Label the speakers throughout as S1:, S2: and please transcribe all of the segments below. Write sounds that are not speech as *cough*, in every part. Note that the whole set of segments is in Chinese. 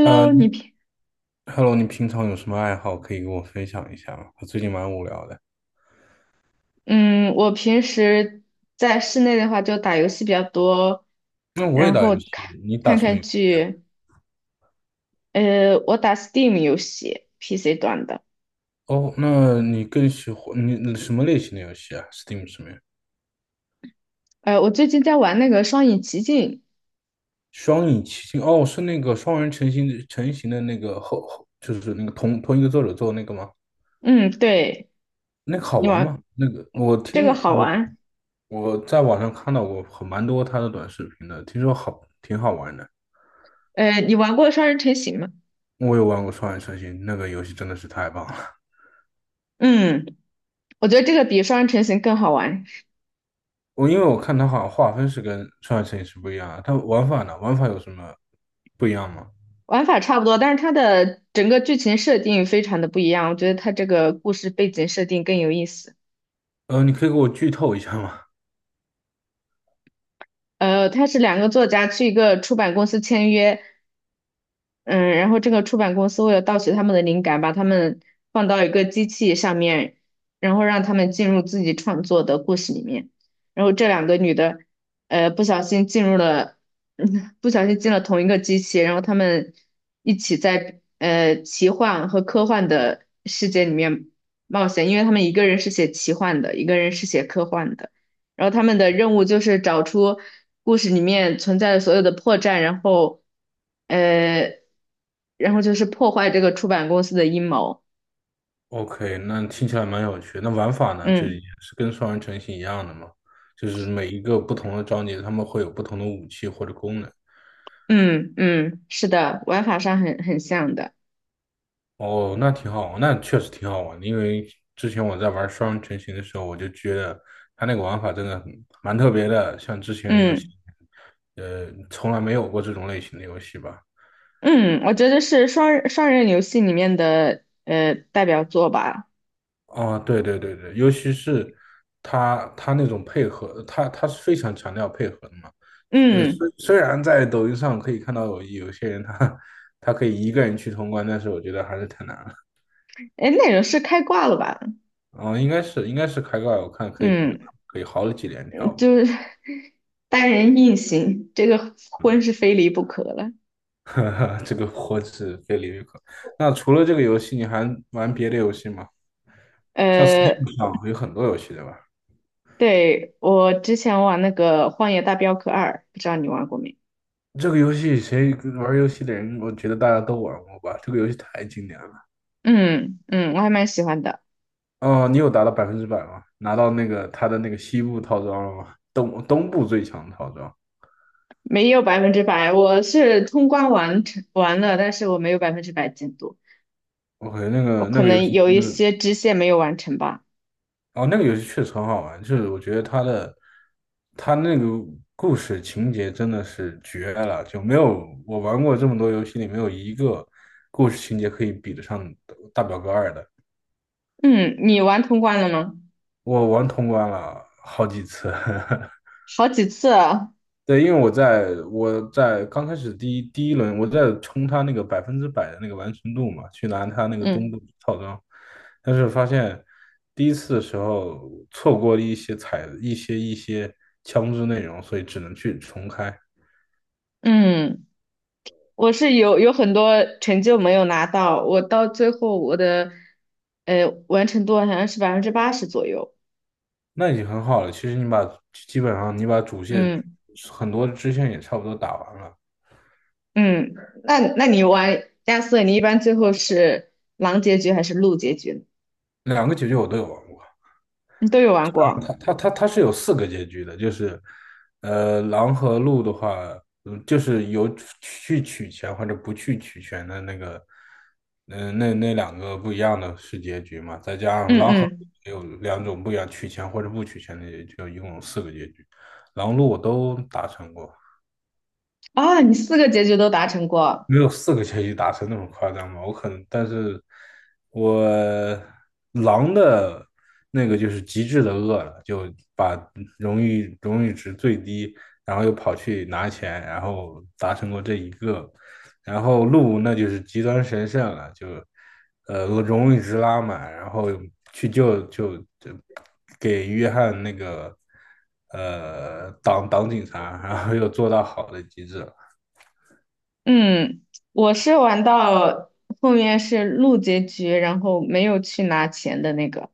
S1: 呃
S2: 你平
S1: ，Hello，你平常有什么爱好可以跟我分享一下吗？我最近蛮无聊的。
S2: 嗯，我平时在室内的话就打游戏比较多，
S1: 那我也
S2: 然
S1: 打
S2: 后
S1: 游戏，你打
S2: 看
S1: 什么
S2: 看
S1: 游戏啊？
S2: 剧。我打 Steam 游戏，PC 端的。
S1: 哦，那你更喜欢你什么类型的游戏啊？Steam 上面
S2: 我最近在玩那个《双影奇境》。
S1: 双影奇境哦，是那个双人成型的那个后，就是那个同一个作者做的那个吗？
S2: 嗯，对，
S1: 那个好
S2: 你
S1: 玩
S2: 玩
S1: 吗？那个我
S2: 这个
S1: 听
S2: 好
S1: 我
S2: 玩。
S1: 我在网上看到过蛮多他的短视频的，听说挺好玩的。
S2: 你玩过《双人成行》吗？
S1: 我有玩过双人成行，那个游戏真的是太棒了。
S2: 嗯，我觉得这个比《双人成行》更好玩，
S1: 因为我看它好像划分是跟双人成影是不一样啊，它玩法呢？玩法有什么不一样吗？
S2: 玩法差不多，但是它的整个剧情设定非常的不一样。我觉得它这个故事背景设定更有意思。
S1: 你可以给我剧透一下吗
S2: 他是两个作家去一个出版公司签约，嗯，然后这个出版公司为了盗取他们的灵感，把他们放到一个机器上面，然后让他们进入自己创作的故事里面。然后这两个女的，不小心进入了，*laughs* 不小心进了同一个机器，然后他们一起在奇幻和科幻的世界里面冒险，因为他们一个人是写奇幻的，一个人是写科幻的。然后他们的任务就是找出故事里面存在的所有的破绽，呃，然后就是破坏这个出版公司的阴谋。
S1: ？OK，那听起来蛮有趣。那玩法呢，就是也
S2: 嗯
S1: 是跟双人成行一样的嘛，就是每一个不同的章节，他们会有不同的武器或者功能。
S2: 嗯嗯，是的，玩法上很像的。
S1: 哦，那挺好，那确实挺好玩的。因为之前我在玩双人成行的时候，我就觉得它那个玩法真的蛮特别的，像之前的游戏，
S2: 嗯
S1: 从来没有过这种类型的游戏吧。
S2: 嗯，我觉得是双人游戏里面的代表作吧。
S1: 啊，对对对对，尤其是他那种配合，他是非常强调配合的嘛。虽
S2: 嗯，
S1: 虽然在抖音上可以看到有些人他可以一个人去通关，但是我觉得还是太难了。
S2: 哎，那容是开挂了吧？
S1: 嗯，应该是开挂，我看
S2: 嗯，
S1: 可以好几连跳吧。
S2: 就是 *laughs* 单人硬行，这个婚是非离不可了。
S1: *laughs* 这个我是非李玉可。那除了这个游戏，你还玩别的游戏吗？像
S2: 呃，
S1: Steam 上有很多游戏，对吧？
S2: 对，我之前玩那个《荒野大镖客二》，不知道你玩过没？
S1: 这个游戏谁玩游戏的人，我觉得大家都玩过吧。这个游戏太经典了。
S2: 嗯嗯，我还蛮喜欢的，
S1: 哦，你有达到百分之百吗？拿到那个他的那个西部套装了吗？东部最强套装。
S2: 没有百分之百，我是通关完成完了，但是我没有百分之百进度，
S1: OK，
S2: 我
S1: 那
S2: 可
S1: 个游
S2: 能
S1: 戏
S2: 有一
S1: 是，
S2: 些支线没有完成吧。
S1: 哦，那个游戏确实很好玩，就是我觉得他那个故事情节真的是绝了，就没有我玩过这么多游戏里没有一个故事情节可以比得上《大表哥二》的。
S2: 嗯，你玩通关了吗？
S1: 我玩通关了好几次，*laughs*
S2: 好几次啊，
S1: 对，因为我在刚开始第一轮，我在冲他那个百分之百的那个完成度嘛，去拿他那个东部
S2: 嗯
S1: 套装，但是发现第一次的时候错过了一些枪支内容，所以只能去重开。
S2: 嗯，我是有很多成就没有拿到，我到最后我的完成度好像是80%左右，
S1: 那已经很好了。其实基本上你把主线
S2: 嗯。
S1: 很多支线也差不多打完了，
S2: 嗯，那你玩亚瑟，你一般最后是狼结局还是鹿结局呢？
S1: 两个结局我都有玩过。
S2: 你都有玩过？
S1: 它是有四个结局的，就是狼和鹿的话，就是有去取钱或者不去取钱的那个，那两个不一样的是结局嘛，再加上
S2: 嗯
S1: 狼和鹿
S2: 嗯，
S1: 也有两种不一样，取钱或者不取钱的结局，就一共有四个结局，狼鹿我都达成过。
S2: 啊，你四个结局都达成过。
S1: 没有四个全息达成那么夸张吧？我可能，但是我狼的那个就是极致的饿了，就把荣誉值最低，然后又跑去拿钱，然后达成过这一个。然后鹿那就是极端神圣了，就荣誉值拉满，然后去救给约翰那个挡警察，然后又做到好的极致了。
S2: 嗯，我是玩到后面是鹿结局，然后没有去拿钱的那个。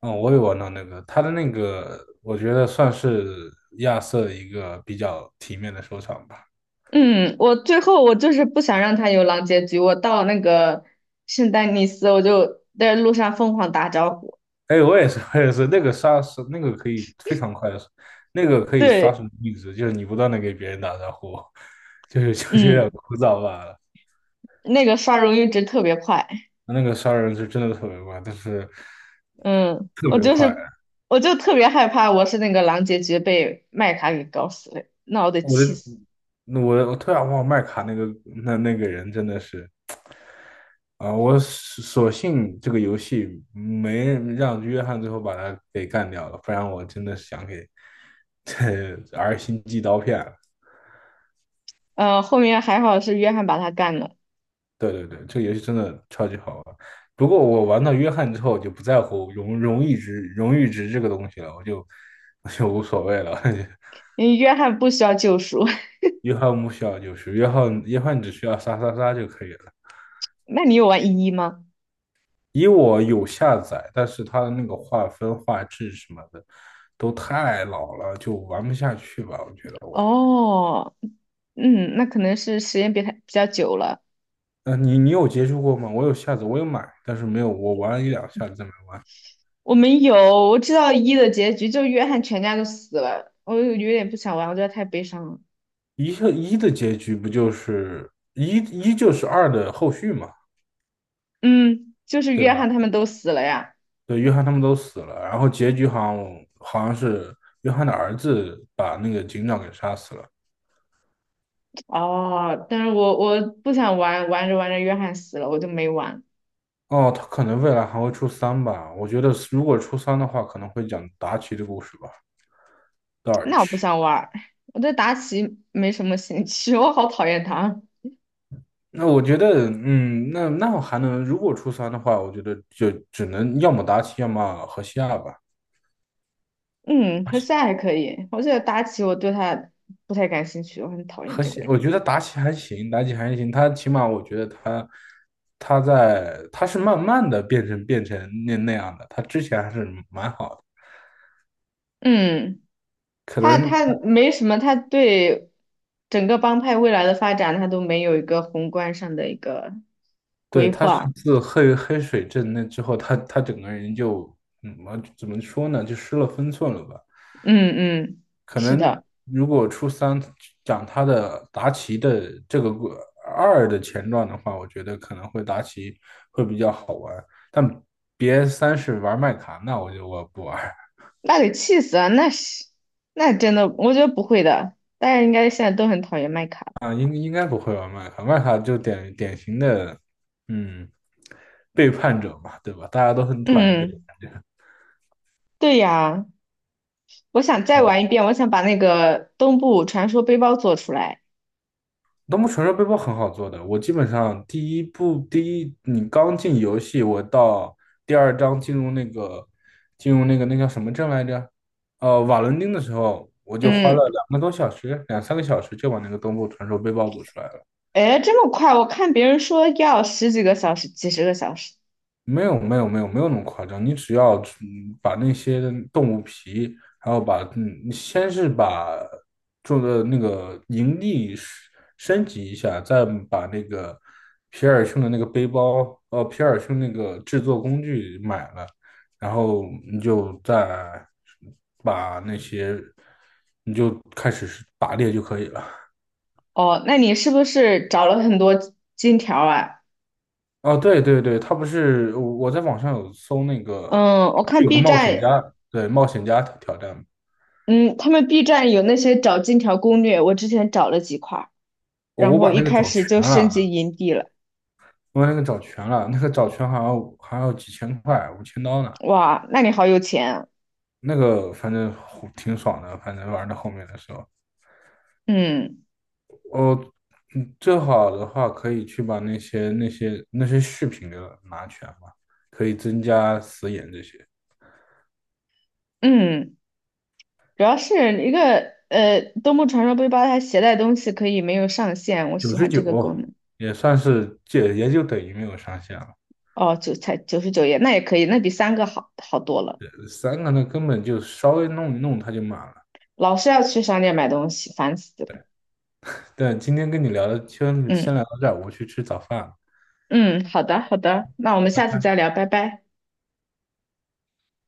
S1: 嗯，我也玩到那个，他的那个，我觉得算是亚瑟的一个比较体面的收场吧。
S2: 嗯，我最后我就是不想让他有狼结局，我到那个圣丹尼斯，我就在路上疯狂打招呼。
S1: 哎，我也是，我也是，那个杀是那个可以非常快的，那个可以刷
S2: 对，
S1: 什么币值，就是你不断的给别人打招呼，*laughs* 就是有点
S2: 嗯，
S1: 枯燥罢了。
S2: 那个刷荣誉值特别快。
S1: 那个杀人是真的特别快，但是
S2: 嗯，
S1: 特别快。
S2: 我就特别害怕，我是那个狼结局被麦卡给搞死了，那我得气死。
S1: 那我突然忘了麦卡那个那个人真的是，啊、我索性这个游戏没让约翰最后把他给干掉了，不然我真的想给这 *laughs* R 星寄刀片了
S2: 后面还好是约翰把他干了，
S1: 对对对，这个游戏真的超级好玩。不过我玩到约翰之后，我就不在乎荣誉值这个东西了，我就无所谓了。*laughs*
S2: 因为约翰不需要救赎。*laughs*
S1: 约翰不需要就是约翰，约翰只需要杀杀杀就可以了。
S2: 那你有玩一吗？
S1: 以我有下载，但是它的那个画质什么的都太老了，就玩不下去吧？我觉得我，
S2: 哦，嗯，那可能是时间比他比较久了。
S1: 你有接触过吗？我有下载，我有买，但是没有，我玩了一两下子再没玩。
S2: 我没有，我知道一的结局，就约翰全家都死了，我有点不想玩，我觉得太悲伤了。
S1: 一的结局不就是一就是二的后续嘛，
S2: 嗯，就是
S1: 对
S2: 约翰
S1: 吧？
S2: 他们都死了呀。
S1: 对，约翰他们都死了，然后结局好像是约翰的儿子把那个警长给杀死了。
S2: 哦，但是我不想玩，玩着玩着约翰死了，我就没玩。
S1: 哦，他可能未来还会出三吧？我觉得如果出三的话，可能会讲达奇的故事吧。
S2: 那我不
S1: Dodge。
S2: 想玩儿，我对达奇没什么兴趣，*laughs* 我好讨厌他。
S1: 那我觉得，那我还能，如果初三的话，我觉得就只能要么达奇，要么河西亚吧。
S2: 嗯，和下还可以，我觉得达奇我对他不太感兴趣，我很讨厌
S1: 和
S2: 这个
S1: 西，
S2: 人。
S1: 我觉得达己还行，妲己还行，她起码我觉得她，她在，她是慢慢的变成那样的，她之前还是蛮好的，
S2: 嗯，
S1: 可
S2: 他
S1: 能
S2: 他没什么，他对整个帮派未来的发展，他都没有一个宏观上的一个
S1: 对，
S2: 规
S1: 他是
S2: 划。
S1: 自黑水镇那之后，他整个人就，我怎么说呢，就失了分寸了吧。
S2: 嗯嗯，
S1: 可
S2: 是
S1: 能
S2: 的，
S1: 如果初三讲达奇的这个过二的前传的话，我觉得可能会达奇会比较好玩，但别三是玩麦卡，那我不玩
S2: 那得气死啊！那真的，我觉得不会的，大家应该现在都很讨厌麦卡。
S1: 啊，应该不会玩麦卡，麦卡就典型的嗯背叛者嘛，对吧？大家都很讨厌背
S2: 嗯，
S1: 叛者。
S2: 对呀。我想再玩一遍，我想把那个东部传说背包做出来。
S1: 东部传说背包很好做的，我基本上第一你刚进游戏，我到第二章进入那个那叫什么镇来着？瓦伦丁的时候，我就花了
S2: 嗯，
S1: 2个多小时，2、3个小时就把那个东部传说背包做出来了。
S2: 哎，这么快？我看别人说要十几个小时、几十个小时。
S1: 没有没有没有没有那么夸张，你只要把那些动物皮，然后你先是把做的那个营地是升级一下，再把那个皮尔逊的那个背包，皮尔逊那个制作工具买了，然后你就再把那些，你就开始是打猎就可以了。
S2: 哦，那你是不是找了很多金条啊？
S1: 哦，对对对，他不是我在网上有搜那个，
S2: 嗯，我
S1: 不是
S2: 看
S1: 有个
S2: B
S1: 冒险
S2: 站，
S1: 家，对，冒险家挑战，
S2: 嗯，他们 B 站有那些找金条攻略，我之前找了几块儿，
S1: 我
S2: 然
S1: 我
S2: 后
S1: 把
S2: 一
S1: 那个
S2: 开
S1: 找
S2: 始
S1: 全
S2: 就升级
S1: 了，
S2: 营地了。
S1: 我把那个找全了，那个找全好像还要几千块，5000刀呢，
S2: 哇，那你好有钱啊！
S1: 那个反正吼挺爽的，反正玩到后面的时候，
S2: 嗯
S1: 嗯，最好的话可以去把那些饰品给拿全嘛，可以增加死眼这些，
S2: 嗯，主要是东部传说背包它携带东西可以没有上限，我
S1: 九
S2: 喜
S1: 十
S2: 欢
S1: 九
S2: 这个功能。
S1: 也算是这也就等于没有上限了。
S2: 哦，才99页，那也可以，那比三个好多了。
S1: 三个那根本就稍微弄一弄它就满了。
S2: 老是要去商店买东西，烦死了。
S1: 但今天跟你聊的，先
S2: 嗯
S1: 聊到这儿，我去吃早饭了，
S2: 嗯，好的好的，那我们
S1: 拜
S2: 下次
S1: 拜。
S2: 再聊，拜拜。